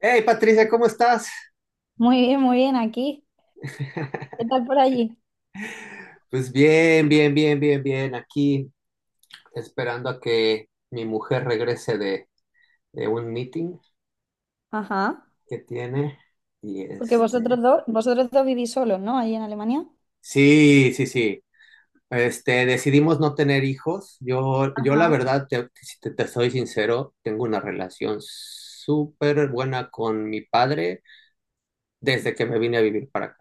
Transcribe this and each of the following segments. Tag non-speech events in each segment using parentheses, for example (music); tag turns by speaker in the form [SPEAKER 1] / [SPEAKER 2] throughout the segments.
[SPEAKER 1] Hey Patricia, ¿cómo estás?
[SPEAKER 2] Muy bien, aquí. ¿Qué tal por allí?
[SPEAKER 1] Pues bien, bien, bien, bien, bien. Aquí esperando a que mi mujer regrese de un meeting
[SPEAKER 2] Ajá.
[SPEAKER 1] que tiene. Y
[SPEAKER 2] Porque
[SPEAKER 1] este,
[SPEAKER 2] vosotros dos vivís solos, ¿no? Allí en Alemania.
[SPEAKER 1] sí, sí, sí. Este, decidimos no tener hijos. Yo la
[SPEAKER 2] Ajá.
[SPEAKER 1] verdad, si te soy sincero, tengo una relación súper buena con mi padre desde que me vine a vivir para acá.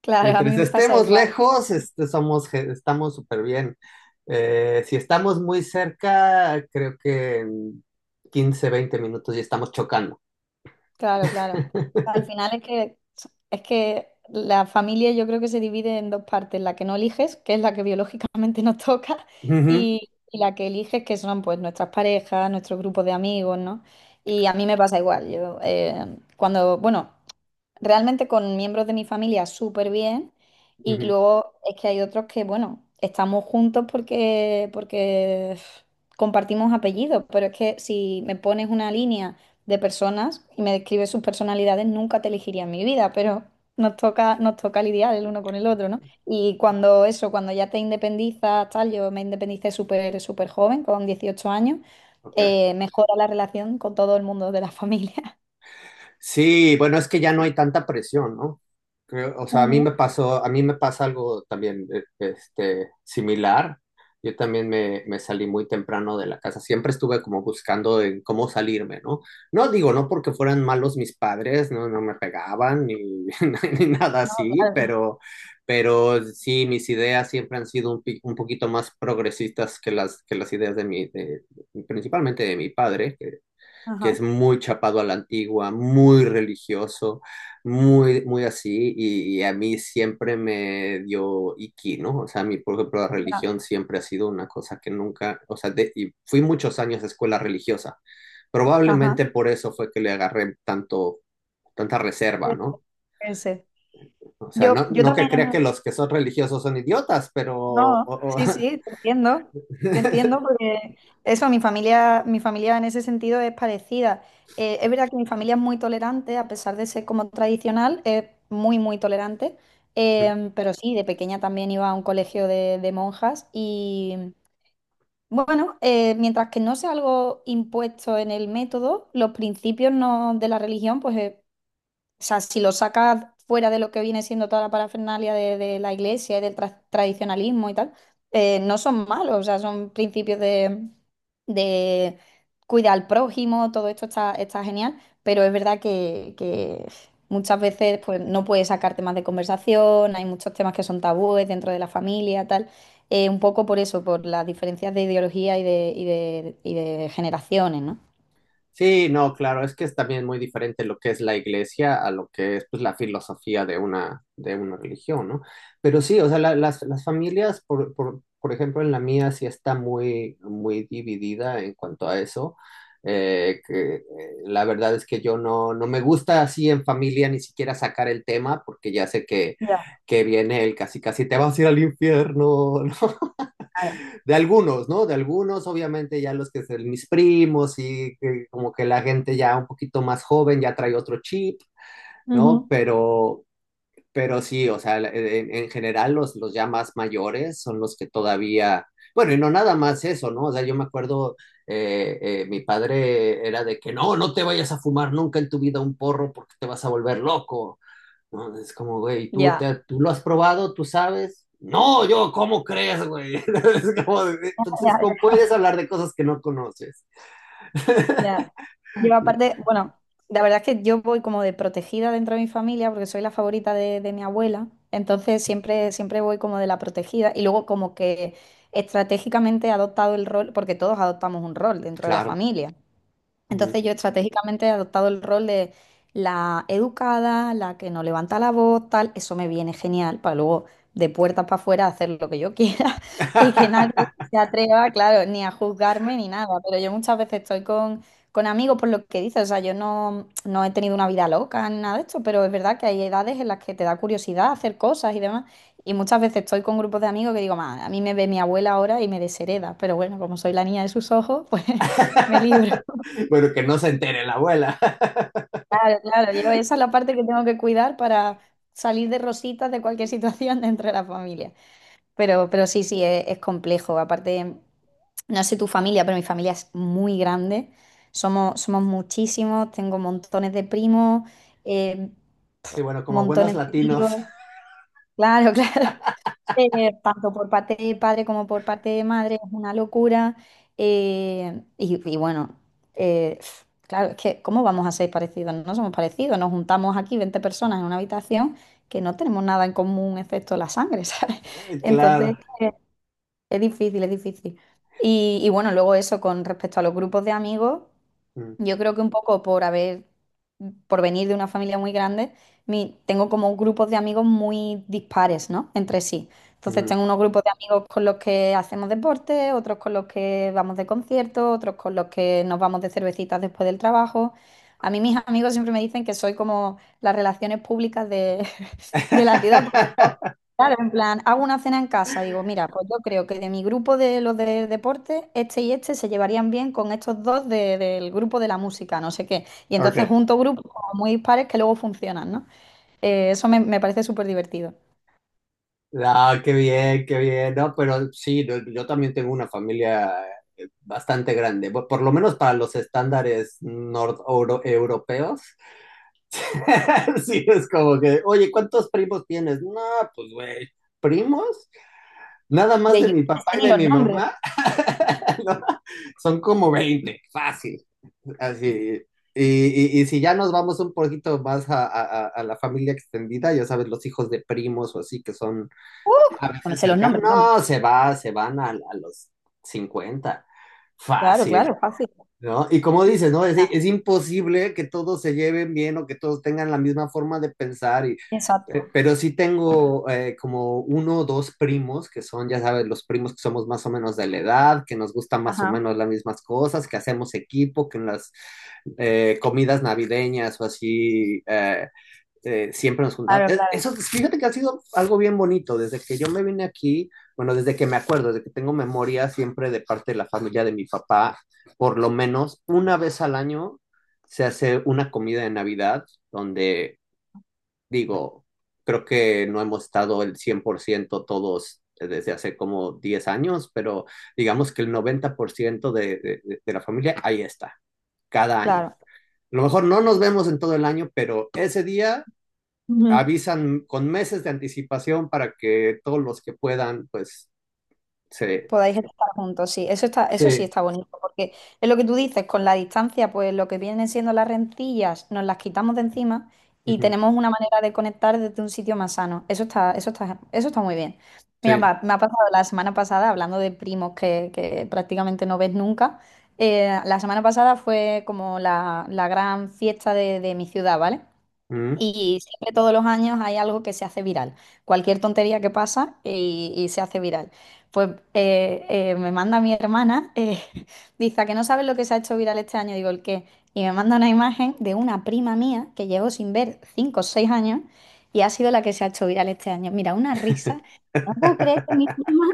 [SPEAKER 2] Claro, a
[SPEAKER 1] Entre
[SPEAKER 2] mí
[SPEAKER 1] si
[SPEAKER 2] me pasa
[SPEAKER 1] estemos
[SPEAKER 2] igual.
[SPEAKER 1] lejos, este, estamos súper bien. Si estamos muy cerca, creo que en 15, 20 minutos ya estamos chocando.
[SPEAKER 2] Claro, claro.
[SPEAKER 1] (laughs)
[SPEAKER 2] Al final es que la familia yo creo que se divide en dos partes, la que no eliges, que es la que biológicamente (laughs) nos toca,
[SPEAKER 1] Ujú,
[SPEAKER 2] y la que eliges, que son pues nuestras parejas, nuestros grupos de amigos, ¿no? Y a mí me pasa igual. Yo cuando, bueno, realmente con miembros de mi familia súper bien y
[SPEAKER 1] ujú,
[SPEAKER 2] luego es que hay otros que, bueno, estamos juntos porque, porque uf, compartimos apellidos, pero es que si me pones una línea de personas y me describes sus personalidades, nunca te elegiría en mi vida, pero nos toca lidiar el uno con el otro, ¿no? Y cuando eso, cuando ya te independizas, tal, yo me independicé súper, súper joven, con 18 años,
[SPEAKER 1] ok.
[SPEAKER 2] mejora la relación con todo el mundo de la familia. (laughs)
[SPEAKER 1] Sí, bueno, es que ya no hay tanta presión, ¿no? O sea, a mí
[SPEAKER 2] Ujú.
[SPEAKER 1] me pasó, a mí me pasa algo también este, similar. Yo también me salí muy temprano de la casa. Siempre estuve como buscando en cómo salirme, ¿no? No digo, no porque fueran malos mis padres, no, no me pegaban ni, (laughs) ni nada
[SPEAKER 2] No,
[SPEAKER 1] así,
[SPEAKER 2] claro. Claro.
[SPEAKER 1] pero sí, mis ideas siempre han sido un poquito más progresistas que que las ideas principalmente de mi padre, que es
[SPEAKER 2] Ajá.
[SPEAKER 1] muy chapado a la antigua, muy religioso, muy, muy así, y a mí siempre me dio iki, ¿no? O sea, a mí, por ejemplo, la
[SPEAKER 2] Ya,
[SPEAKER 1] religión siempre ha sido una cosa que nunca, o sea, y fui muchos años a escuela religiosa.
[SPEAKER 2] ajá,
[SPEAKER 1] Probablemente por eso fue que le agarré tanta reserva,
[SPEAKER 2] puede
[SPEAKER 1] ¿no?
[SPEAKER 2] puede ser.
[SPEAKER 1] O sea,
[SPEAKER 2] Yo,
[SPEAKER 1] no,
[SPEAKER 2] yo
[SPEAKER 1] no que crea que
[SPEAKER 2] también,
[SPEAKER 1] los que son religiosos son idiotas, pero
[SPEAKER 2] no, sí, sí, te entiendo porque eso, mi familia en ese sentido es parecida. Es verdad que mi familia es muy tolerante, a pesar de ser como tradicional, es muy, muy tolerante.
[SPEAKER 1] (laughs)
[SPEAKER 2] Pero sí, de pequeña también iba a un colegio de monjas y bueno, mientras que no sea algo impuesto en el método, los principios no, de la religión, pues o sea, si lo sacas fuera de lo que viene siendo toda la parafernalia de la iglesia y del tradicionalismo y tal, no son malos, o sea, son principios de cuidar al prójimo, todo esto está, está genial, pero es verdad que muchas veces pues, no puedes sacar temas de conversación, hay muchos temas que son tabúes dentro de la familia, tal. Un poco por eso, por las diferencias de ideología y de, y de, y de generaciones, ¿no?
[SPEAKER 1] Sí, no, claro, es que es también muy diferente lo que es la iglesia a lo que es pues, la filosofía de una religión, ¿no? Pero sí, o sea, las familias, por ejemplo, en la mía sí está muy, muy dividida en cuanto a eso. Eh, que, eh, la verdad es que yo no, no me gusta así en familia ni siquiera sacar el tema porque ya sé que,
[SPEAKER 2] Ya,
[SPEAKER 1] que viene el casi casi te vas a ir al infierno, (laughs)
[SPEAKER 2] claro.
[SPEAKER 1] de algunos, ¿no? De algunos, obviamente ya los que son mis primos y que como que la gente ya un poquito más joven ya trae otro chip, ¿no?
[SPEAKER 2] Ujú.
[SPEAKER 1] Pero sí, o sea, en general los ya más mayores son los que todavía, bueno, y no nada más eso, ¿no? O sea, yo me acuerdo, mi padre era de que no, no te vayas a fumar nunca en tu vida un porro porque te vas a volver loco, no, es como, güey,
[SPEAKER 2] Ya.
[SPEAKER 1] ¿tú lo has probado? ¿Tú sabes? No, ¿cómo crees, güey? (laughs) Es como, entonces, ¿cómo puedes hablar de cosas que no conoces?
[SPEAKER 2] Ya. Yo aparte, bueno, la verdad es que yo voy como de protegida dentro de mi familia porque soy la favorita de mi abuela, entonces siempre, siempre voy como de la protegida y luego como que estratégicamente he adoptado el rol, porque todos adoptamos un rol dentro de la
[SPEAKER 1] Claro.
[SPEAKER 2] familia.
[SPEAKER 1] Mm.
[SPEAKER 2] Entonces yo estratégicamente he adoptado el rol de la educada, la que no levanta la voz, tal. Eso me viene genial para luego de puertas para afuera hacer lo que yo quiera (laughs) y que nadie
[SPEAKER 1] (laughs)
[SPEAKER 2] se atreva, claro, ni a juzgarme ni nada. Pero yo muchas veces estoy con amigos por lo que dices. O sea, yo no, no he tenido una vida loca ni nada de esto, pero es verdad que hay edades en las que te da curiosidad hacer cosas y demás. Y muchas veces estoy con grupos de amigos que digo, "Ma, a mí me ve mi abuela ahora y me deshereda". Pero bueno, como soy la niña de sus ojos, (laughs) pues me libro.
[SPEAKER 1] Bueno, que no se entere la abuela. (laughs)
[SPEAKER 2] Claro, claro, yo esa es la parte que tengo que cuidar para salir de rositas de cualquier situación (laughs) dentro de la familia. Pero sí, sí, es complejo. Aparte, no sé tu familia, pero mi familia es muy grande. Somos, somos muchísimos, tengo montones de primos, eh,
[SPEAKER 1] Sí, bueno, como buenos
[SPEAKER 2] montones de tíos.
[SPEAKER 1] latinos.
[SPEAKER 2] Claro, (laughs) claro, tanto por parte de padre como por parte de madre, es una locura. Y bueno, eh, claro, es que ¿cómo vamos a ser parecidos? No somos parecidos, nos juntamos aquí 20 personas en una habitación que no tenemos nada en común excepto la sangre, (laughs) ¿sabes?
[SPEAKER 1] (laughs)
[SPEAKER 2] Entonces,
[SPEAKER 1] Claro.
[SPEAKER 2] es difícil, es difícil. Y bueno, luego eso con respecto a los grupos de amigos,
[SPEAKER 1] Mm,
[SPEAKER 2] yo creo que un poco por haber, por venir de una familia muy grande, tengo como grupos de amigos muy dispares, ¿no? Entre sí. Entonces
[SPEAKER 1] mm.
[SPEAKER 2] tengo unos grupos de amigos con los que hacemos deporte, otros con los que vamos de conciertos, otros con los que nos vamos de cervecitas después del trabajo. A mí mis amigos siempre me dicen que soy como las relaciones públicas de la ciudad, porque yo,
[SPEAKER 1] (laughs)
[SPEAKER 2] claro, en plan, hago una cena en casa, digo, mira, pues yo creo que de mi grupo de los de deporte, este y este se llevarían bien con estos dos del grupo de la música, no sé qué. Y entonces
[SPEAKER 1] Ok.
[SPEAKER 2] junto grupos como muy dispares que luego funcionan, ¿no? Eso me, me parece súper divertido.
[SPEAKER 1] Ah, qué bien, qué bien. No, pero sí, no, yo también tengo una familia bastante grande, por lo menos para los estándares nord europeos. (laughs) Sí, es como que, oye, ¿cuántos primos tienes? No, pues, güey, ¿primos? Nada más
[SPEAKER 2] De
[SPEAKER 1] de
[SPEAKER 2] yo
[SPEAKER 1] mi
[SPEAKER 2] no sé
[SPEAKER 1] papá y
[SPEAKER 2] ni
[SPEAKER 1] de
[SPEAKER 2] los
[SPEAKER 1] mi
[SPEAKER 2] nombres.
[SPEAKER 1] mamá. (laughs) ¿no? Son como 20 fácil, así. Y si ya nos vamos un poquito más a la familia extendida, ya sabes, los hijos de primos o así que son
[SPEAKER 2] ¡Uh!
[SPEAKER 1] a
[SPEAKER 2] No me
[SPEAKER 1] veces
[SPEAKER 2] sé los
[SPEAKER 1] cercanos,
[SPEAKER 2] nombres, vamos.
[SPEAKER 1] no, se van a los 50
[SPEAKER 2] Claro,
[SPEAKER 1] fácil.
[SPEAKER 2] claro, fácil.
[SPEAKER 1] ¿No? Y como dices, ¿no? Es,
[SPEAKER 2] Ya,
[SPEAKER 1] es imposible que todos se lleven bien o que todos tengan la misma forma de pensar, y,
[SPEAKER 2] exacto.
[SPEAKER 1] pero sí tengo como uno o dos primos que son, ya sabes, los primos que somos más o menos de la edad, que nos gustan más o
[SPEAKER 2] Ajá,
[SPEAKER 1] menos las mismas cosas, que hacemos equipo, que en las comidas navideñas o así, siempre nos juntamos.
[SPEAKER 2] claro, claro.
[SPEAKER 1] Eso, fíjate que ha sido algo bien bonito. Desde que yo me vine aquí, bueno, desde que me acuerdo, desde que tengo memoria, siempre de parte de la familia de mi papá, por lo menos una vez al año se hace una comida de Navidad donde, digo, creo que no hemos estado el 100% todos desde hace como 10 años, pero digamos que el 90% de la familia ahí está, cada año.
[SPEAKER 2] Claro.
[SPEAKER 1] A lo mejor no nos vemos en todo el año, pero ese día
[SPEAKER 2] Ujú.
[SPEAKER 1] avisan con meses de anticipación para que todos los que puedan, pues, se...
[SPEAKER 2] Podáis estar juntos, sí, eso está, eso sí
[SPEAKER 1] Sí.
[SPEAKER 2] está bonito, porque es lo que tú dices, con la distancia, pues lo que vienen siendo las rencillas, nos las quitamos de encima y
[SPEAKER 1] Ujú,
[SPEAKER 2] tenemos una manera de conectar desde un sitio más sano. Eso está, eso está, eso está muy bien. Mira,
[SPEAKER 1] Sí.
[SPEAKER 2] va, me ha pasado la semana pasada, hablando de primos que prácticamente no ves nunca, la semana pasada fue como la gran fiesta de mi ciudad, ¿vale?
[SPEAKER 1] Ujú,
[SPEAKER 2] Y siempre todos los años hay algo que se hace viral. Cualquier tontería que pasa y se hace viral. Pues me manda mi hermana, (laughs) dice, "¿A que no sabes lo que se ha hecho viral este año?" Digo, "¿El qué?" Y me manda una imagen de una prima mía que llevo sin ver 5 o 6 años y ha sido la que se ha hecho viral este año. Mira, una risa. No puedo creer que mi prima,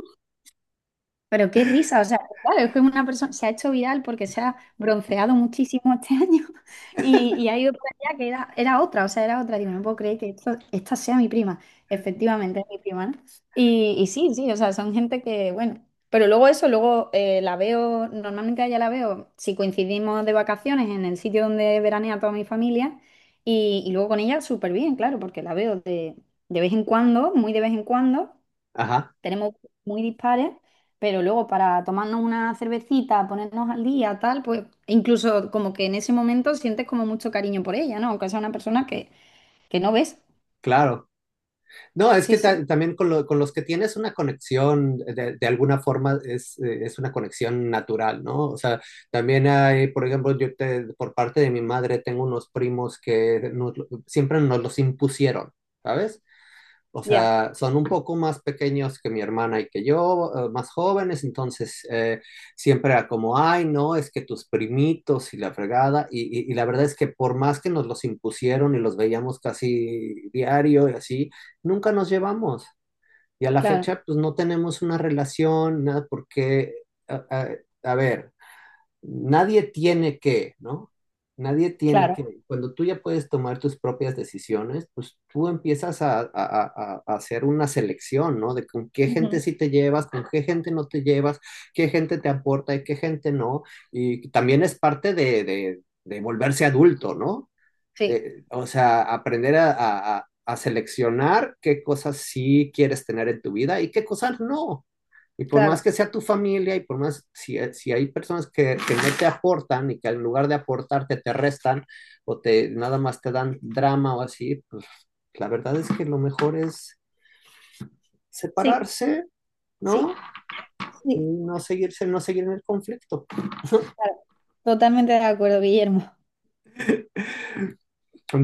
[SPEAKER 2] pero qué risa, o sea, claro, es que una persona se ha hecho viral porque se ha bronceado muchísimo este año (laughs) y ha ido por allá que era, era otra, o sea, era otra. Digo, no puedo creer que esta sea mi prima. Efectivamente, es mi prima, ¿no? Y sí, sí, o sea, son gente que, bueno, pero luego eso, luego la veo, normalmente allá la veo, si coincidimos de vacaciones en el sitio donde veranea toda mi familia y luego con ella súper bien, claro, porque la veo de vez en cuando, muy de vez en cuando
[SPEAKER 1] Ajá,
[SPEAKER 2] tenemos muy dispares, pero luego para tomarnos una cervecita, ponernos al día, tal, pues incluso como que en ese momento sientes como mucho cariño por ella, ¿no? Aunque sea una persona que no ves.
[SPEAKER 1] claro. No, es
[SPEAKER 2] Sí,
[SPEAKER 1] que
[SPEAKER 2] sí,
[SPEAKER 1] también con los que tienes una conexión, de alguna forma es una conexión natural, ¿no? O sea, también hay, por ejemplo, por parte de mi madre tengo unos primos que siempre nos los impusieron, ¿sabes? O
[SPEAKER 2] ya,
[SPEAKER 1] sea, son un poco más pequeños que mi hermana y que yo, más jóvenes, entonces siempre era como, ay, no, es que tus primitos y la fregada, y la verdad es que por más que nos los impusieron y los veíamos casi diario y así, nunca nos llevamos. Y a la
[SPEAKER 2] claro,
[SPEAKER 1] fecha, pues no tenemos una relación, nada, porque, a, a- a ver, nadie tiene que, ¿no? Nadie tiene
[SPEAKER 2] claro.
[SPEAKER 1] que. Cuando tú ya puedes tomar tus propias decisiones, pues tú empiezas a hacer una selección, ¿no? De con qué gente
[SPEAKER 2] Ujú.
[SPEAKER 1] sí te llevas, con qué gente no te llevas, qué gente te aporta y qué gente no. Y también es parte de volverse adulto, ¿no?
[SPEAKER 2] Sí,
[SPEAKER 1] O sea, aprender a seleccionar qué cosas sí quieres tener en tu vida y qué cosas no. Y por más
[SPEAKER 2] claro,
[SPEAKER 1] que sea tu familia y por más, si hay personas que no te aportan y que en lugar de aportarte te restan o te nada más te dan drama o así, pues la verdad es que lo mejor es
[SPEAKER 2] sí,
[SPEAKER 1] separarse, ¿no?
[SPEAKER 2] sí,
[SPEAKER 1] Y
[SPEAKER 2] sí,
[SPEAKER 1] no seguirse, no seguir en el conflicto.
[SPEAKER 2] claro. Totalmente de acuerdo, Guillermo.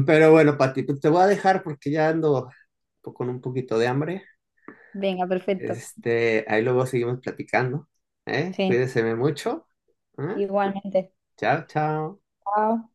[SPEAKER 1] Pero bueno, Pati, pues te voy a dejar porque ya ando con un poquito de hambre.
[SPEAKER 2] Venga, perfecto.
[SPEAKER 1] Este, ahí luego seguimos platicando. ¿Eh?
[SPEAKER 2] Sí,
[SPEAKER 1] Cuídeseme mucho. ¿Eh?
[SPEAKER 2] igualmente.
[SPEAKER 1] Chao, chao.
[SPEAKER 2] Chao.